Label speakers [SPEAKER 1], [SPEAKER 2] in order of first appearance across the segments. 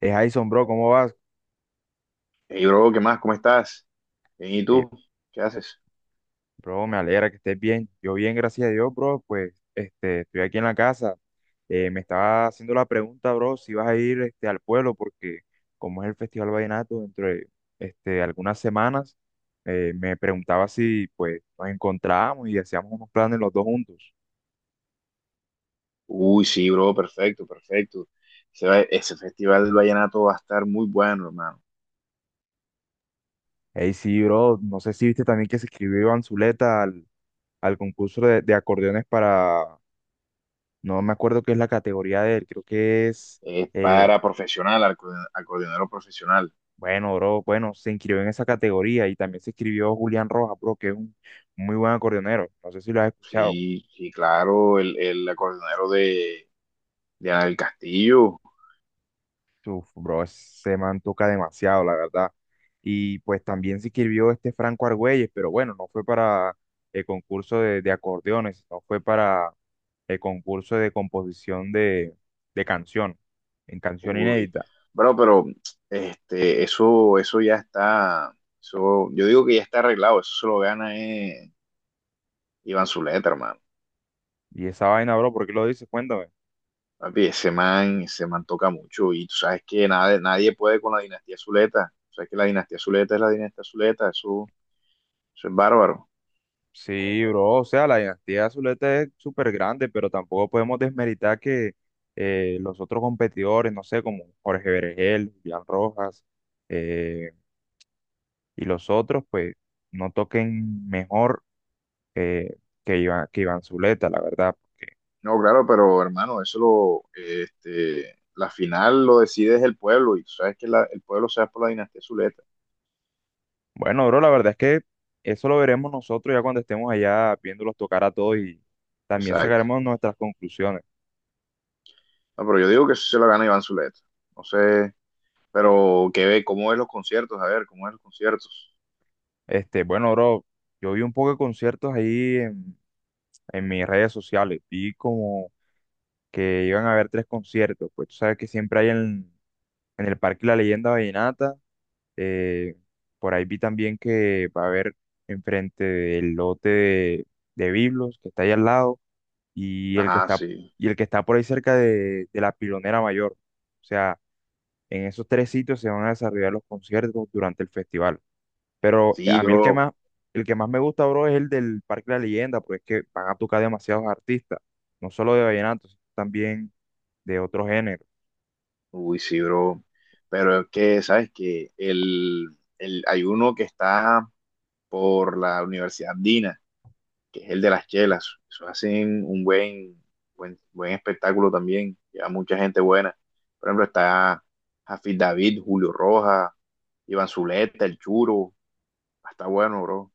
[SPEAKER 1] Jason, bro, ¿cómo vas?
[SPEAKER 2] Hey, bro, ¿qué más? ¿Cómo estás? Bien, ¿y
[SPEAKER 1] Ey,
[SPEAKER 2] tú? ¿Qué haces?
[SPEAKER 1] bro, me alegra que estés bien. Yo bien, gracias a Dios, bro. Pues, estoy aquí en la casa. Me estaba haciendo la pregunta, bro, si vas a ir, al pueblo, porque como es el Festival Vallenato, dentro de, algunas semanas, me preguntaba si, pues, nos encontrábamos y hacíamos unos planes los dos juntos.
[SPEAKER 2] Uy, sí, bro, perfecto, perfecto. Ese, ese festival del vallenato va a estar muy bueno, hermano.
[SPEAKER 1] Ey, sí, bro, no sé si viste también que se inscribió Iván Zuleta al concurso de, acordeones, para, no me acuerdo qué es la categoría de él, creo que es...
[SPEAKER 2] Es
[SPEAKER 1] eh,
[SPEAKER 2] para profesional, acordeonero profesional.
[SPEAKER 1] Bueno, bro, bueno, se inscribió en esa categoría y también se inscribió Julián Rojas, bro, que es un muy buen acordeonero. No sé si lo has escuchado.
[SPEAKER 2] Sí, sí, claro, el acordeonero de Ana del Castillo.
[SPEAKER 1] Uf, bro, ese man toca demasiado, la verdad. Y pues también se inscribió Franco Argüelles, pero bueno, no fue para el concurso de, acordeones, no fue para el concurso de composición de, canción, en canción
[SPEAKER 2] Uy,
[SPEAKER 1] inédita.
[SPEAKER 2] bro, pero eso, eso ya está, eso, yo digo que ya está arreglado, eso se lo gana Iván Zuleta, hermano.
[SPEAKER 1] Y esa vaina, bro, ¿por qué lo dices? Cuéntame.
[SPEAKER 2] Papi, ese man toca mucho y tú sabes que nadie, nadie puede con la dinastía Zuleta. O sea que la dinastía Zuleta es la dinastía Zuleta, eso es bárbaro.
[SPEAKER 1] Sí, bro, o sea, la dinastía Zuleta es súper grande, pero tampoco podemos desmeritar que los otros competidores, no sé, como Jorge Berenguel, Julián Rojas, eh, y los otros, pues, no toquen mejor eh, que Iván Zuleta, la verdad. Porque,
[SPEAKER 2] No, claro, pero hermano, la final lo decide es el pueblo y tú sabes que el pueblo se va por la dinastía Zuleta.
[SPEAKER 1] bueno, bro, la verdad es que eso lo veremos nosotros ya cuando estemos allá viéndolos tocar a todos y también
[SPEAKER 2] Exacto.
[SPEAKER 1] sacaremos nuestras conclusiones.
[SPEAKER 2] No, pero yo digo que eso se lo gana Iván Zuleta. No sé, pero ¿qué ve? ¿Cómo ves los conciertos? A ver, ¿cómo ves los conciertos?
[SPEAKER 1] Bueno, bro, yo vi un poco de conciertos ahí en mis redes sociales, vi como que iban a haber tres conciertos. Pues tú sabes que siempre hay en el Parque La Leyenda Vallenata. eh, por ahí vi también que va a haber enfrente del lote de, Biblos, que está ahí al lado, y el que
[SPEAKER 2] Ajá,
[SPEAKER 1] está,
[SPEAKER 2] sí.
[SPEAKER 1] y el que está por ahí cerca de, la Pilonera Mayor. O sea, en esos tres sitios se van a desarrollar los conciertos durante el festival. Pero
[SPEAKER 2] Sí,
[SPEAKER 1] a mí
[SPEAKER 2] bro.
[SPEAKER 1] el que más me gusta, bro, es el del Parque La Leyenda, porque es que van a tocar demasiados artistas, no solo de vallenato, sino también de otro género.
[SPEAKER 2] Uy, sí, bro. Pero es que, ¿sabes que hay uno que está por la Universidad Andina, que es el de las chelas? Eso hacen un buen, buen, buen espectáculo también. Lleva mucha gente buena. Por ejemplo, está Jafid David, Julio Rojas, Iván Zuleta, El Churo. Está bueno, bro.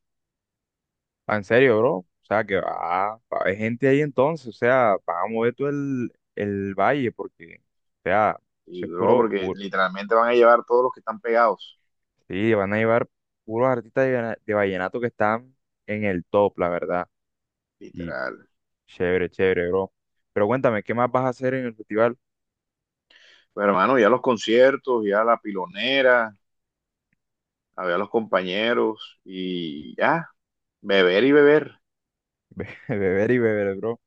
[SPEAKER 1] Ah, en serio, bro. O sea, que va a haber gente ahí entonces. O sea, va a mover todo el valle porque, o sea, eso
[SPEAKER 2] Y,
[SPEAKER 1] es
[SPEAKER 2] bro,
[SPEAKER 1] puro,
[SPEAKER 2] porque
[SPEAKER 1] puro.
[SPEAKER 2] literalmente van a llevar todos los que están pegados.
[SPEAKER 1] Sí, van a llevar puros artistas de, de vallenato que están en el top, la verdad. Y
[SPEAKER 2] Literal.
[SPEAKER 1] chévere, chévere, bro. Pero cuéntame, ¿qué más vas a hacer en el festival?
[SPEAKER 2] Pero, hermano, ya los conciertos, ya la pilonera, a ver a los compañeros y ya, beber y beber.
[SPEAKER 1] Beber y beber, bro.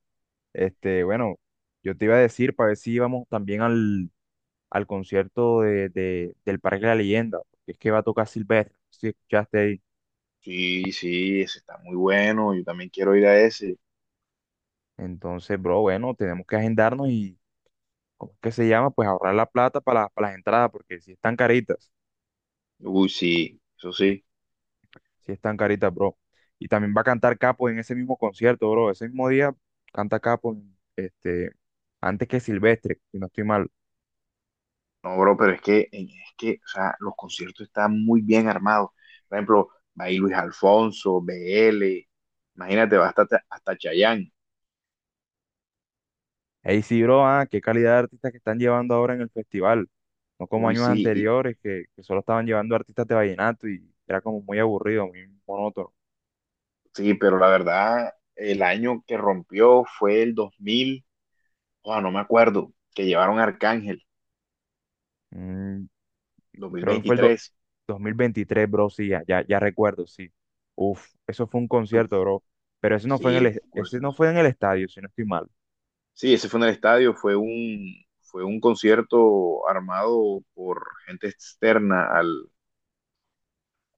[SPEAKER 1] Bueno, yo te iba a decir para ver si íbamos también al concierto de, del Parque de la Leyenda, porque es que va a tocar Silvestre. Si escuchaste ahí.
[SPEAKER 2] Sí, sí, ese está muy bueno, yo también quiero ir a ese.
[SPEAKER 1] Entonces, bro, bueno, tenemos que agendarnos y, ¿cómo es que se llama? Pues ahorrar la plata para las entradas, porque si están caritas,
[SPEAKER 2] Uy, sí, eso sí.
[SPEAKER 1] si están caritas, bro. Y también va a cantar Capo en ese mismo concierto, bro. Ese mismo día canta Capo, este, antes que Silvestre, si no estoy mal.
[SPEAKER 2] No, bro, pero o sea, los conciertos están muy bien armados. Por ejemplo, va ahí Luis Alfonso, BL, imagínate, va hasta, hasta Chayanne.
[SPEAKER 1] Ahí sí, bro, ah, qué calidad de artistas que están llevando ahora en el festival. No como
[SPEAKER 2] Uy,
[SPEAKER 1] años
[SPEAKER 2] sí,
[SPEAKER 1] anteriores, que solo estaban llevando artistas de vallenato y era como muy aburrido, muy monótono.
[SPEAKER 2] sí, pero la verdad, el año que rompió fue el 2000 o no me acuerdo, que llevaron a Arcángel,
[SPEAKER 1] Mm, creo que fue el
[SPEAKER 2] 2023.
[SPEAKER 1] 2023, bro. Sí, ya, ya, ya recuerdo, sí. Uf, eso fue un
[SPEAKER 2] Tú-
[SPEAKER 1] concierto, bro, pero ese no fue en
[SPEAKER 2] sí, pues,
[SPEAKER 1] ese no fue en el estadio, si no estoy mal.
[SPEAKER 2] sí, ese fue en el estadio, fue un concierto armado por gente externa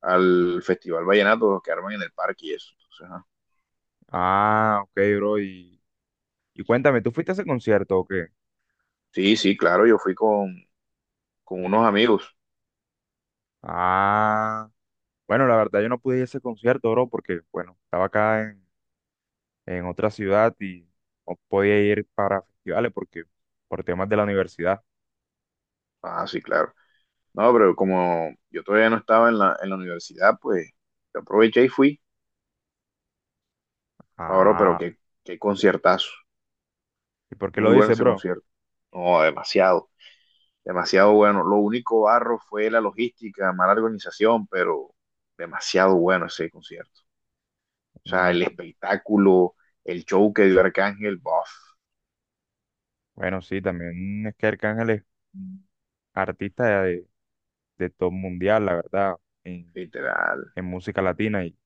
[SPEAKER 2] al Festival Vallenato, los que arman en el parque y eso. Entonces, ajá.
[SPEAKER 1] Ah, ok, bro, y, cuéntame, ¿tú fuiste a ese concierto o qué?
[SPEAKER 2] Sí, sí, claro, yo fui con unos amigos.
[SPEAKER 1] Ah, bueno, la verdad yo no pude ir a ese concierto, bro, porque, bueno, estaba acá en otra ciudad y no podía ir para festivales porque, por temas de la universidad.
[SPEAKER 2] Ah, sí, claro. No, pero como yo todavía no estaba en la universidad, pues yo aproveché y fui. Ahora, pero
[SPEAKER 1] Ah,
[SPEAKER 2] qué, qué conciertazo.
[SPEAKER 1] ¿y por qué
[SPEAKER 2] Muy
[SPEAKER 1] lo
[SPEAKER 2] bueno
[SPEAKER 1] dices,
[SPEAKER 2] ese
[SPEAKER 1] bro?
[SPEAKER 2] concierto. No, demasiado, demasiado bueno. Lo único barro fue la logística, mala organización, pero demasiado bueno ese concierto. O sea,
[SPEAKER 1] Mm,
[SPEAKER 2] el espectáculo, el show que dio Arcángel, bof,
[SPEAKER 1] bueno, sí, también es que Arcángel es un artista de top mundial, la verdad, en,
[SPEAKER 2] literal.
[SPEAKER 1] en música latina. Y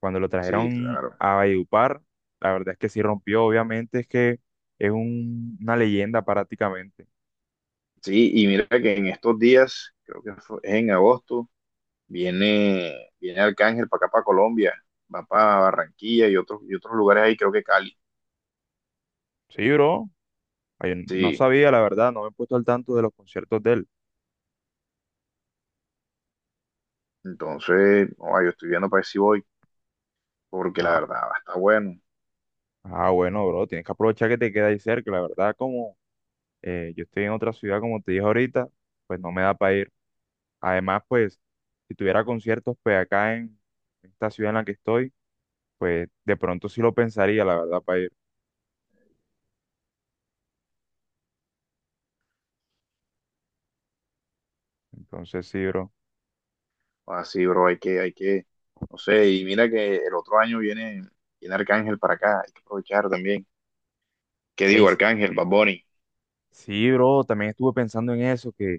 [SPEAKER 1] cuando lo
[SPEAKER 2] Sí,
[SPEAKER 1] trajeron
[SPEAKER 2] claro.
[SPEAKER 1] a Valledupar, la verdad es que sí rompió, obviamente, es que es una leyenda prácticamente.
[SPEAKER 2] Sí, y mira que en estos días, creo que es en agosto, viene, viene Arcángel para acá, para Colombia, va para Barranquilla y otros lugares ahí, creo que Cali.
[SPEAKER 1] Sí, bro, ay, no
[SPEAKER 2] Sí,
[SPEAKER 1] sabía, la verdad, no me he puesto al tanto de los conciertos de él.
[SPEAKER 2] entonces, no, yo estoy viendo para ver si voy, porque la
[SPEAKER 1] Ah,
[SPEAKER 2] verdad va a estar bueno.
[SPEAKER 1] ah, bueno, bro, tienes que aprovechar que te queda ahí cerca, la verdad, como yo estoy en otra ciudad, como te dije ahorita, pues no me da para ir. Además, pues, si tuviera conciertos, pues acá en esta ciudad en la que estoy, pues de pronto sí lo pensaría, la verdad, para ir. Entonces, sí, bro.
[SPEAKER 2] Así, bro, hay que, no sé, y mira que el otro año viene, viene Arcángel para acá, hay que aprovechar también. ¿Qué
[SPEAKER 1] Ey,
[SPEAKER 2] digo, Arcángel, Bad Bunny?
[SPEAKER 1] sí, bro, también estuve pensando en eso, que,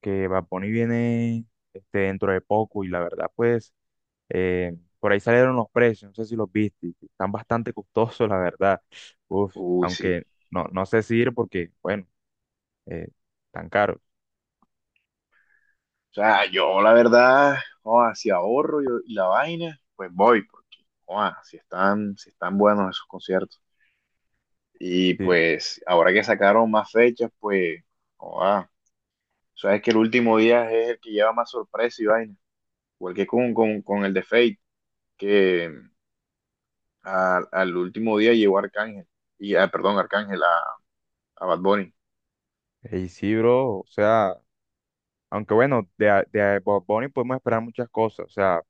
[SPEAKER 1] que Bad Bunny viene, dentro de poco, y la verdad, pues, por ahí salieron los precios, no sé si los viste, que están bastante costosos, la verdad. Uf,
[SPEAKER 2] Uy, sí.
[SPEAKER 1] aunque no sé si ir porque, bueno, eh, tan caros.
[SPEAKER 2] O sea, yo la verdad, oh, si ahorro yo y la vaina, pues voy, porque, oh, si están, si están buenos esos conciertos. Y
[SPEAKER 1] Sí.
[SPEAKER 2] pues, ahora que sacaron más fechas, pues, oh, ah, sabes que el último día es el que lleva más sorpresa y vaina. Igual que con el de Fate, que al último día llegó Arcángel, y, ah, perdón, Arcángel a Bad Bunny.
[SPEAKER 1] Ey, sí, bro, o sea, aunque bueno, de, de a Bad Bunny podemos esperar muchas cosas, o sea,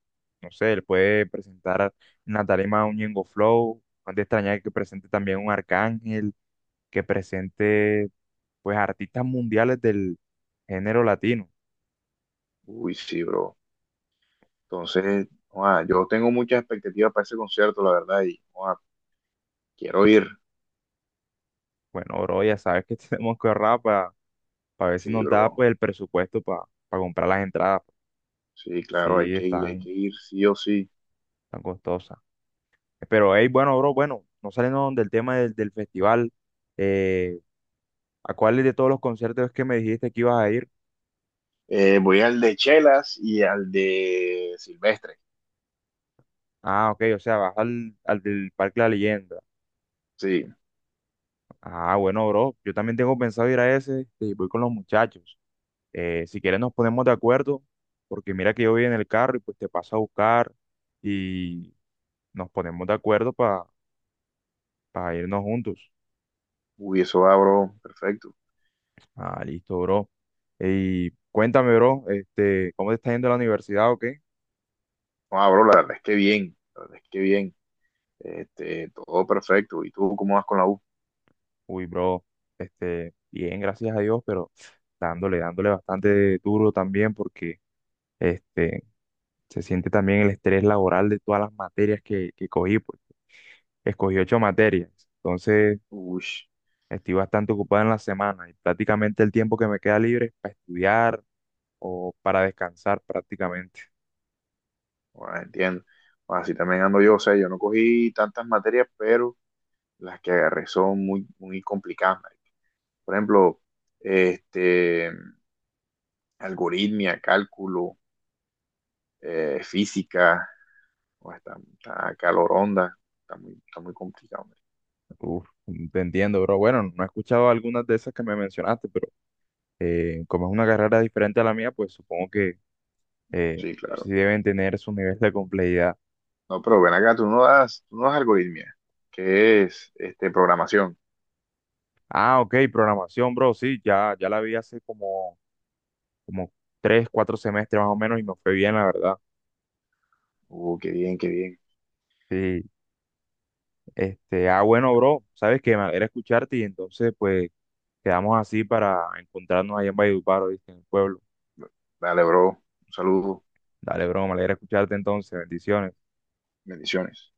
[SPEAKER 1] no sé, él puede presentar en la tarima un Ñengo Flow, no es de extrañar que presente también un Arcángel, que presente, pues, artistas mundiales del género latino.
[SPEAKER 2] Uy, sí, bro. Entonces, ah, yo tengo muchas expectativas para ese concierto, la verdad, y ah, quiero ir.
[SPEAKER 1] Bueno, bro, ya sabes que tenemos que ahorrar para ver si
[SPEAKER 2] Sí,
[SPEAKER 1] nos da,
[SPEAKER 2] bro.
[SPEAKER 1] pues, el presupuesto para comprar las entradas.
[SPEAKER 2] Sí, claro,
[SPEAKER 1] Sí,
[SPEAKER 2] hay
[SPEAKER 1] están
[SPEAKER 2] que ir, sí o sí.
[SPEAKER 1] tan costosas. Pero, hey, bueno, bro, bueno, no saliendo del tema del festival, eh, ¿a cuáles de todos los conciertos es que me dijiste que ibas a ir?
[SPEAKER 2] Voy al de Chelas y al de Silvestre.
[SPEAKER 1] Ah, ok, o sea, vas al del Parque La Leyenda.
[SPEAKER 2] Sí,
[SPEAKER 1] Ah, bueno, bro, yo también tengo pensado ir a ese, y voy con los muchachos. Si quieres nos ponemos de acuerdo, porque mira que yo voy en el carro y pues te paso a buscar y nos ponemos de acuerdo para irnos juntos.
[SPEAKER 2] uy, eso va, bro, perfecto.
[SPEAKER 1] Ah, listo, bro. Y cuéntame, bro, ¿cómo te está yendo a la universidad o qué?
[SPEAKER 2] No, bro, la verdad es que bien, la verdad es que bien. Este, todo perfecto. ¿Y tú cómo vas con la U?
[SPEAKER 1] Uy, bro, bien, gracias a Dios, pero dándole, dándole bastante duro también porque, este, se siente también el estrés laboral de todas las materias que cogí, porque escogí ocho materias. Entonces,
[SPEAKER 2] Uy.
[SPEAKER 1] estoy bastante ocupado en la semana y prácticamente el tiempo que me queda libre es para estudiar o para descansar prácticamente.
[SPEAKER 2] Bueno, entiendo. Bueno, así también ando yo, o sea, yo no cogí tantas materias, pero las que agarré son muy, muy complicadas, marica. Por ejemplo, este, algoritmia, cálculo, física, o está, está caloronda, está muy complicado, marica.
[SPEAKER 1] Uf, te entiendo, bro. Bueno, no he escuchado algunas de esas que me mencionaste, pero como es una carrera diferente a la mía, pues supongo que eh,
[SPEAKER 2] Sí,
[SPEAKER 1] sí
[SPEAKER 2] claro.
[SPEAKER 1] deben tener su nivel de complejidad.
[SPEAKER 2] No, pero ven acá, tú no das algoritmia, que es este, programación.
[SPEAKER 1] Ah, ok, programación, bro. Sí, ya, ya la vi hace como tres, cuatro semestres más o menos y me fue bien, la verdad.
[SPEAKER 2] Qué bien, qué bien.
[SPEAKER 1] Sí. Ah, bueno, bro, sabes que me alegra escucharte y entonces, pues, quedamos así para encontrarnos allá en Valledupar, ¿oíste? En el pueblo.
[SPEAKER 2] Dale, bro. Un saludo.
[SPEAKER 1] Dale, bro, me alegra escucharte entonces, bendiciones.
[SPEAKER 2] Bendiciones.